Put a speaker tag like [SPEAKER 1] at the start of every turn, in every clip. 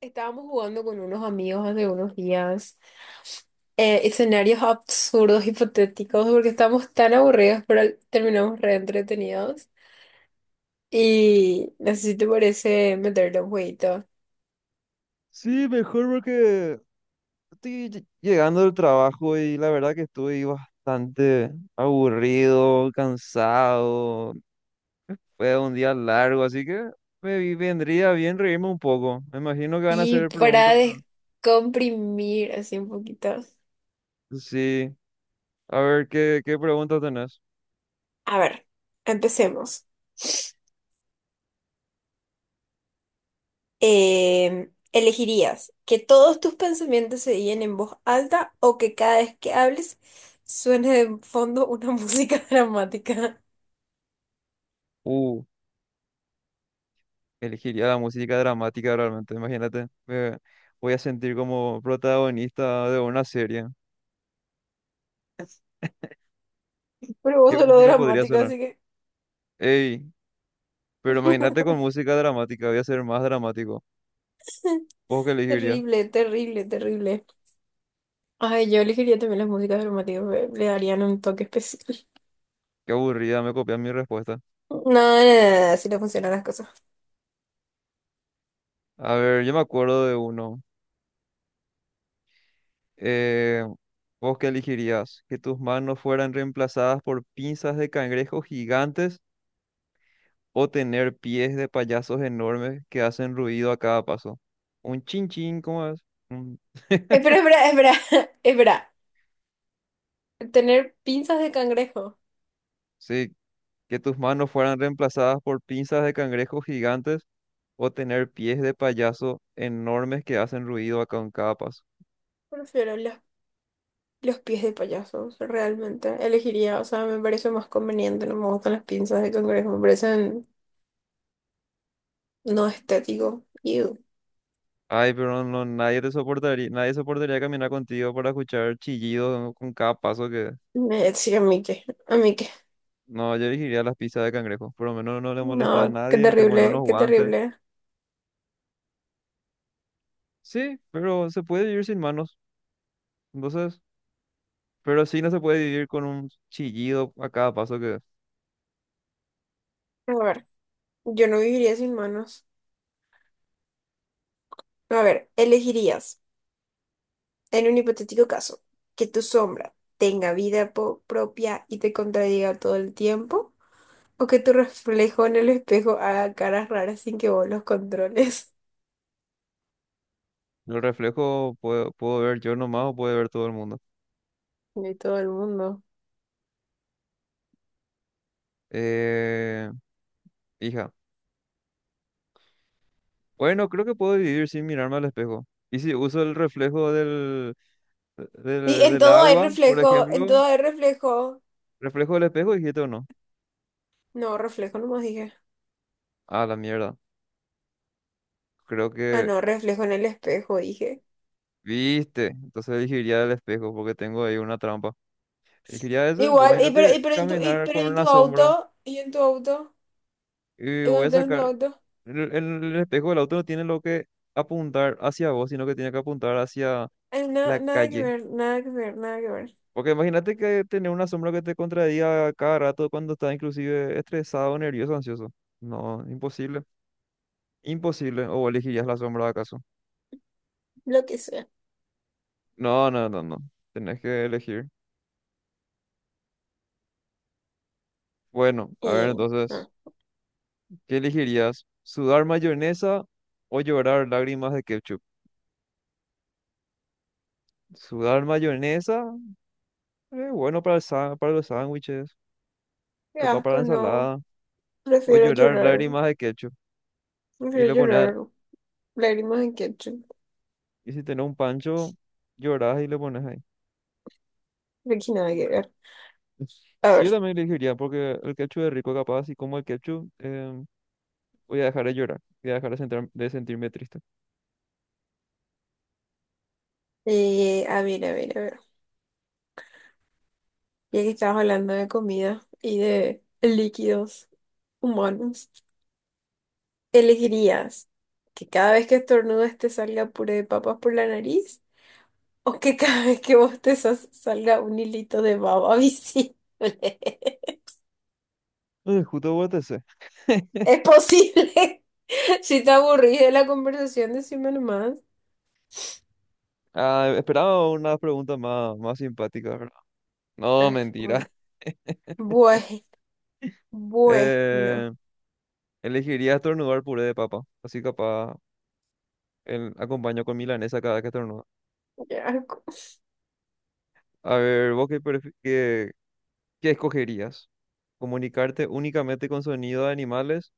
[SPEAKER 1] Estábamos jugando con unos amigos hace unos días, escenarios absurdos, hipotéticos, porque estábamos tan aburridos, pero terminamos re entretenidos. Y no sé si te parece meterle un jueguito.
[SPEAKER 2] Sí, mejor porque estoy llegando del trabajo y la verdad que estoy bastante aburrido, cansado. Fue un día largo, así que me vendría bien reírme un poco. Me imagino que van a
[SPEAKER 1] Y
[SPEAKER 2] hacer preguntas.
[SPEAKER 1] para descomprimir así un poquito.
[SPEAKER 2] Sí, a ver qué, preguntas tenés.
[SPEAKER 1] A ver, empecemos. ¿Elegirías que todos tus pensamientos se digan en voz alta o que cada vez que hables suene de fondo una música dramática?
[SPEAKER 2] Uh, Elegiría la música dramática realmente, imagínate. Me voy a sentir como protagonista de una serie.
[SPEAKER 1] Pero vos
[SPEAKER 2] ¿Qué
[SPEAKER 1] sos lo
[SPEAKER 2] música podría
[SPEAKER 1] dramática,
[SPEAKER 2] sonar?
[SPEAKER 1] así que...
[SPEAKER 2] Ey. Pero imagínate con música dramática, voy a ser más dramático. ¿Vos qué elegirías?
[SPEAKER 1] Terrible, terrible, terrible. Ay, yo elegiría también las músicas dramáticas, le darían un toque especial.
[SPEAKER 2] Qué aburrida, me copian mi respuesta.
[SPEAKER 1] No, no, no, no, así no funcionan las cosas.
[SPEAKER 2] A ver, yo me acuerdo de uno. Eh, ¿Vos qué elegirías? ¿Que tus manos fueran reemplazadas por pinzas de cangrejos gigantes o tener pies de payasos enormes que hacen ruido a cada paso? Un chin chin, ¿cómo es? Un-
[SPEAKER 1] Espera, espera, espera, espera. Tener pinzas de cangrejo.
[SPEAKER 2] Sí, que tus manos fueran reemplazadas por pinzas de cangrejos gigantes o tener pies de payaso enormes que hacen ruido a con cada paso.
[SPEAKER 1] Prefiero los pies de payasos, realmente. Elegiría, o sea, me parece más conveniente, no me gustan las pinzas de cangrejo, me parecen no estético. Ew.
[SPEAKER 2] Ay, pero no, nadie te soportaría, nadie soportaría caminar contigo para escuchar chillidos con cada paso que...
[SPEAKER 1] Me decía a mí que, a mí que.
[SPEAKER 2] No, yo elegiría las pizzas de cangrejo. Por lo menos no le molesta a
[SPEAKER 1] No, qué
[SPEAKER 2] nadie, te pone unos
[SPEAKER 1] terrible, qué
[SPEAKER 2] guantes.
[SPEAKER 1] terrible.
[SPEAKER 2] Sí, pero se puede vivir sin manos. Entonces, pero sí no se puede vivir con un chillido a cada paso que...
[SPEAKER 1] A ver. Yo no viviría sin manos. No, a ver, elegirías, en un hipotético caso, que tu sombra tenga vida propia y te contradiga todo el tiempo, o que tu reflejo en el espejo haga caras raras sin que vos los controles.
[SPEAKER 2] El reflejo puedo ver yo nomás o puede ver todo el mundo.
[SPEAKER 1] De todo el mundo.
[SPEAKER 2] Eh, Hija. Bueno, creo que puedo vivir sin mirarme al espejo. Y si uso el reflejo
[SPEAKER 1] Y en
[SPEAKER 2] del
[SPEAKER 1] todo hay
[SPEAKER 2] agua, por
[SPEAKER 1] reflejo, en
[SPEAKER 2] ejemplo...
[SPEAKER 1] todo hay reflejo.
[SPEAKER 2] Reflejo del espejo, dijiste o no.
[SPEAKER 1] No, reflejo nomás dije.
[SPEAKER 2] Ah, la mierda. Creo
[SPEAKER 1] Ah,
[SPEAKER 2] que
[SPEAKER 1] no, reflejo en el espejo dije.
[SPEAKER 2] viste. Entonces elegiría el espejo porque tengo ahí una trampa. Elegiría ese. Pues
[SPEAKER 1] Igual,
[SPEAKER 2] imagínate
[SPEAKER 1] y
[SPEAKER 2] caminar
[SPEAKER 1] pero
[SPEAKER 2] con
[SPEAKER 1] en
[SPEAKER 2] una
[SPEAKER 1] tu
[SPEAKER 2] sombra
[SPEAKER 1] auto,
[SPEAKER 2] y
[SPEAKER 1] y cuando
[SPEAKER 2] voy a
[SPEAKER 1] estás en tu
[SPEAKER 2] sacar.
[SPEAKER 1] auto.
[SPEAKER 2] El, el- el espejo del auto no tiene lo que apuntar hacia vos, sino que tiene que apuntar hacia
[SPEAKER 1] Ay,
[SPEAKER 2] la
[SPEAKER 1] nada que
[SPEAKER 2] calle.
[SPEAKER 1] ver, nada que ver, nada que ver.
[SPEAKER 2] Porque imagínate que tener una sombra que te contradiga cada rato cuando estás inclusive estresado, nervioso, ansioso. No, imposible. Imposible. ¿O elegirías la sombra acaso?
[SPEAKER 1] Lo que sea.
[SPEAKER 2] No, no, no, no. Tenés que elegir. Bueno, a ver
[SPEAKER 1] Y, ah,
[SPEAKER 2] entonces, ¿qué elegirías? ¿Sudar mayonesa o llorar lágrimas de ketchup? Sudar mayonesa, bueno para para los sándwiches,
[SPEAKER 1] qué
[SPEAKER 2] capaz para la
[SPEAKER 1] asco, no.
[SPEAKER 2] ensalada, o
[SPEAKER 1] Prefiero
[SPEAKER 2] llorar
[SPEAKER 1] llorar.
[SPEAKER 2] lágrimas de ketchup. Y
[SPEAKER 1] Prefiero
[SPEAKER 2] le pones,
[SPEAKER 1] llorar lágrimas en ketchup.
[SPEAKER 2] y si tenés un pancho, llorás y le pones ahí.
[SPEAKER 1] De que nada que ver. A
[SPEAKER 2] Sí,
[SPEAKER 1] ver,
[SPEAKER 2] yo también elegiría porque el ketchup es rico, capaz, y como el ketchup, voy a dejar de llorar, voy a dejar de sentirme triste.
[SPEAKER 1] a ver, a ver, a ver. Ya que estabas hablando de comida y de líquidos humanos, ¿elegirías que cada vez que estornudes te salga puré de papas por la nariz o que cada vez que bostezas salga un hilito de baba visible?
[SPEAKER 2] Justo votese.
[SPEAKER 1] Es posible. Si te aburrís de la conversación, decime nomás.
[SPEAKER 2] Ah, esperaba una pregunta más, más simpática, ¿verdad? No,
[SPEAKER 1] Ay,
[SPEAKER 2] mentira.
[SPEAKER 1] bueno. Bueno, bueno.
[SPEAKER 2] Eh, Elegiría estornudar puré de papa. Así capaz el, acompaño con milanesa cada que estornudo.
[SPEAKER 1] Ya.
[SPEAKER 2] A ver, ¿vos qué, escogerías? ¿Comunicarte únicamente con sonido de animales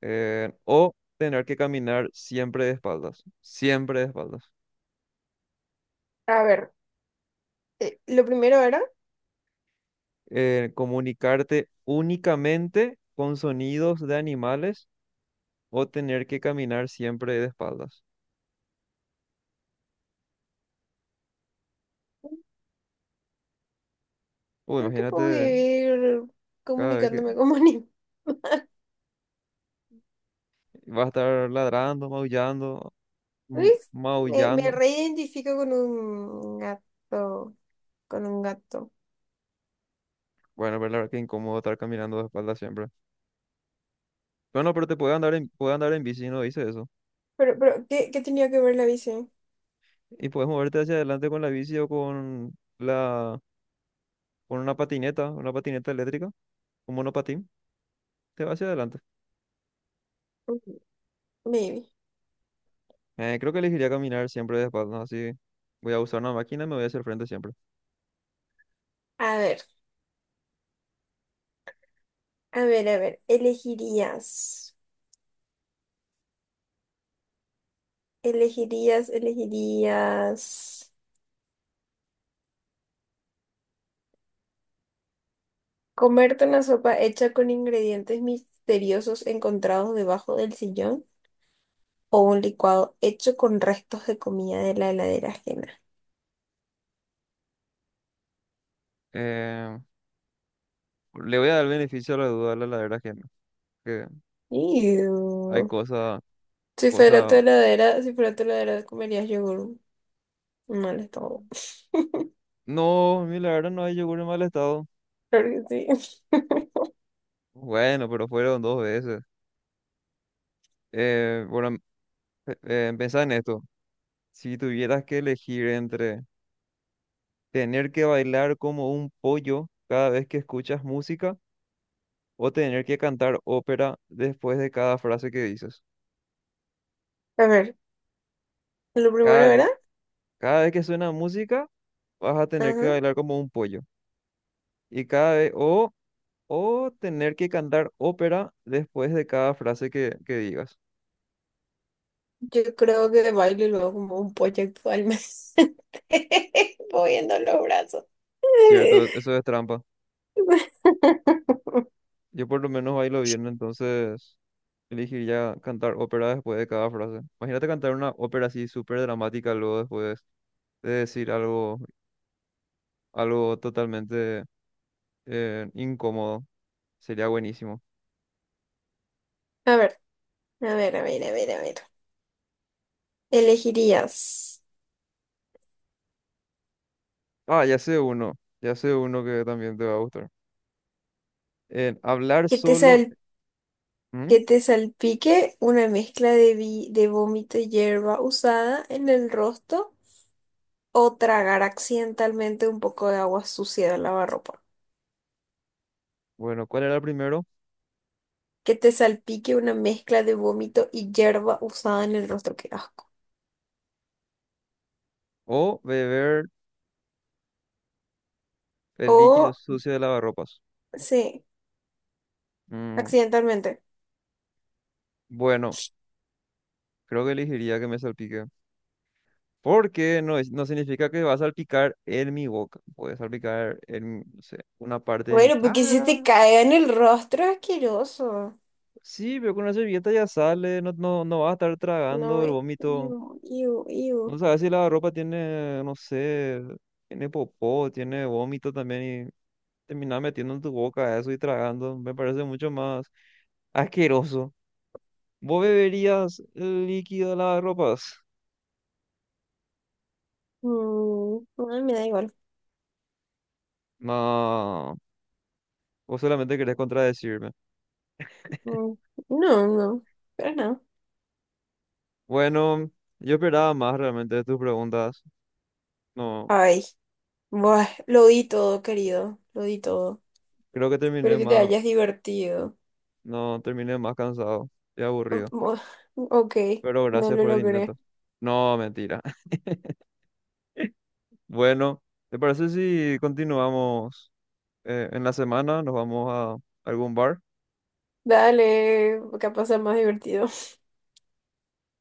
[SPEAKER 2] o tener que caminar siempre de espaldas? Siempre de espaldas.
[SPEAKER 1] A ver, lo primero era,
[SPEAKER 2] ¿Comunicarte únicamente con sonidos de animales o tener que caminar siempre de espaldas? Uy,
[SPEAKER 1] creo que puedo
[SPEAKER 2] imagínate
[SPEAKER 1] vivir
[SPEAKER 2] cada vez que
[SPEAKER 1] comunicándome como animal.
[SPEAKER 2] va a estar ladrando, maullando.
[SPEAKER 1] Me
[SPEAKER 2] Maullando.
[SPEAKER 1] reidentifico con un gato, con un gato.
[SPEAKER 2] Bueno, pero la verdad que incómodo estar caminando de espalda siempre. Bueno, pero te puede andar en bici, no dice eso.
[SPEAKER 1] ¿Qué, qué tenía que ver la bici?
[SPEAKER 2] Y puedes moverte hacia adelante con la bici o con la, con una patineta eléctrica, un monopatín, te va hacia adelante.
[SPEAKER 1] Ujú. Maybe.
[SPEAKER 2] Creo que elegiría caminar siempre de espalda, así voy a usar una máquina y me voy hacia el frente siempre.
[SPEAKER 1] A ver, a ver, a ver. Elegirías comerte una sopa hecha con ingredientes misteriosos encontrados debajo del sillón, o un licuado hecho con restos de comida de la heladera ajena.
[SPEAKER 2] Eh, Le voy a dar el beneficio a la duda a la ladera ajena, que hay
[SPEAKER 1] Ew.
[SPEAKER 2] cosas,
[SPEAKER 1] Si fuera tu
[SPEAKER 2] cosas.
[SPEAKER 1] heladera, si fuera tu heladera, comerías yogur. Mal estado.
[SPEAKER 2] No, mi ladera no hay yogur en mal estado.
[SPEAKER 1] Claro que sí.
[SPEAKER 2] Bueno, pero fueron dos veces. Eh, bueno, Pensá en esto. Si tuvieras que elegir entre tener que bailar como un pollo cada vez que escuchas música o tener que cantar ópera después de cada frase que dices.
[SPEAKER 1] A ver, lo primero
[SPEAKER 2] Cada,
[SPEAKER 1] era,
[SPEAKER 2] Cada vez que suena música, vas a tener que
[SPEAKER 1] ajá,
[SPEAKER 2] bailar como un pollo. Y cada vez, o tener que cantar ópera después de cada frase que digas.
[SPEAKER 1] yo creo que de baile luego como un pollo actualmente, moviendo los brazos.
[SPEAKER 2] Cierto, eso es trampa. Yo por lo menos bailo bien, entonces elegir cantar ópera después de cada frase. Imagínate cantar una ópera así súper dramática luego después de decir algo, totalmente incómodo. Sería buenísimo.
[SPEAKER 1] A ver, a ver, a ver, a ver, a ver. ¿Elegirías
[SPEAKER 2] Ah, ya sé uno que también te va a gustar. En hablar
[SPEAKER 1] que te
[SPEAKER 2] solo.
[SPEAKER 1] sal
[SPEAKER 2] ¿Mm?
[SPEAKER 1] que te salpique una mezcla de, de vómito y hierba usada en el rostro, o tragar accidentalmente un poco de agua sucia del lavarropa?
[SPEAKER 2] Bueno, ¿cuál era el primero?
[SPEAKER 1] Que te salpique una mezcla de vómito y hierba usada en el rostro, qué asco.
[SPEAKER 2] O beber el líquido
[SPEAKER 1] O,
[SPEAKER 2] sucio de lavarropas.
[SPEAKER 1] sí,
[SPEAKER 2] Mm,
[SPEAKER 1] accidentalmente.
[SPEAKER 2] bueno, creo que elegiría que me salpique. Porque no, no significa que va a salpicar en mi boca. Puede salpicar en, no sé, una parte de mi
[SPEAKER 1] Bueno, porque se te
[SPEAKER 2] cara.
[SPEAKER 1] caiga en el rostro, asqueroso.
[SPEAKER 2] Sí, pero con una servilleta ya sale. No, no, no vas a estar
[SPEAKER 1] No,
[SPEAKER 2] tragando el vómito.
[SPEAKER 1] iu, iu, iu.
[SPEAKER 2] No sabes si la ropa tiene, no sé, tiene popó, tiene vómito también. Y terminar metiendo en tu boca eso y tragando. Me parece mucho más asqueroso. ¿Vos beberías el líquido de las ropas?
[SPEAKER 1] Mm, no, me da igual.
[SPEAKER 2] No. ¿O solamente querés contradecirme?
[SPEAKER 1] Mm, no, no, pero no.
[SPEAKER 2] Bueno, yo esperaba más realmente de tus preguntas. No,
[SPEAKER 1] Ay. Buah, lo di todo, querido, lo di todo.
[SPEAKER 2] creo que
[SPEAKER 1] Espero
[SPEAKER 2] terminé
[SPEAKER 1] que te
[SPEAKER 2] más,
[SPEAKER 1] hayas divertido.
[SPEAKER 2] no, terminé más cansado y
[SPEAKER 1] Mm,
[SPEAKER 2] aburrido.
[SPEAKER 1] buah, ok,
[SPEAKER 2] Pero
[SPEAKER 1] no
[SPEAKER 2] gracias
[SPEAKER 1] lo
[SPEAKER 2] por el intento.
[SPEAKER 1] logré.
[SPEAKER 2] No, mentira. Bueno, ¿te parece si continuamos en la semana? ¿Nos vamos a algún bar?
[SPEAKER 1] Dale, capaz sea más divertido.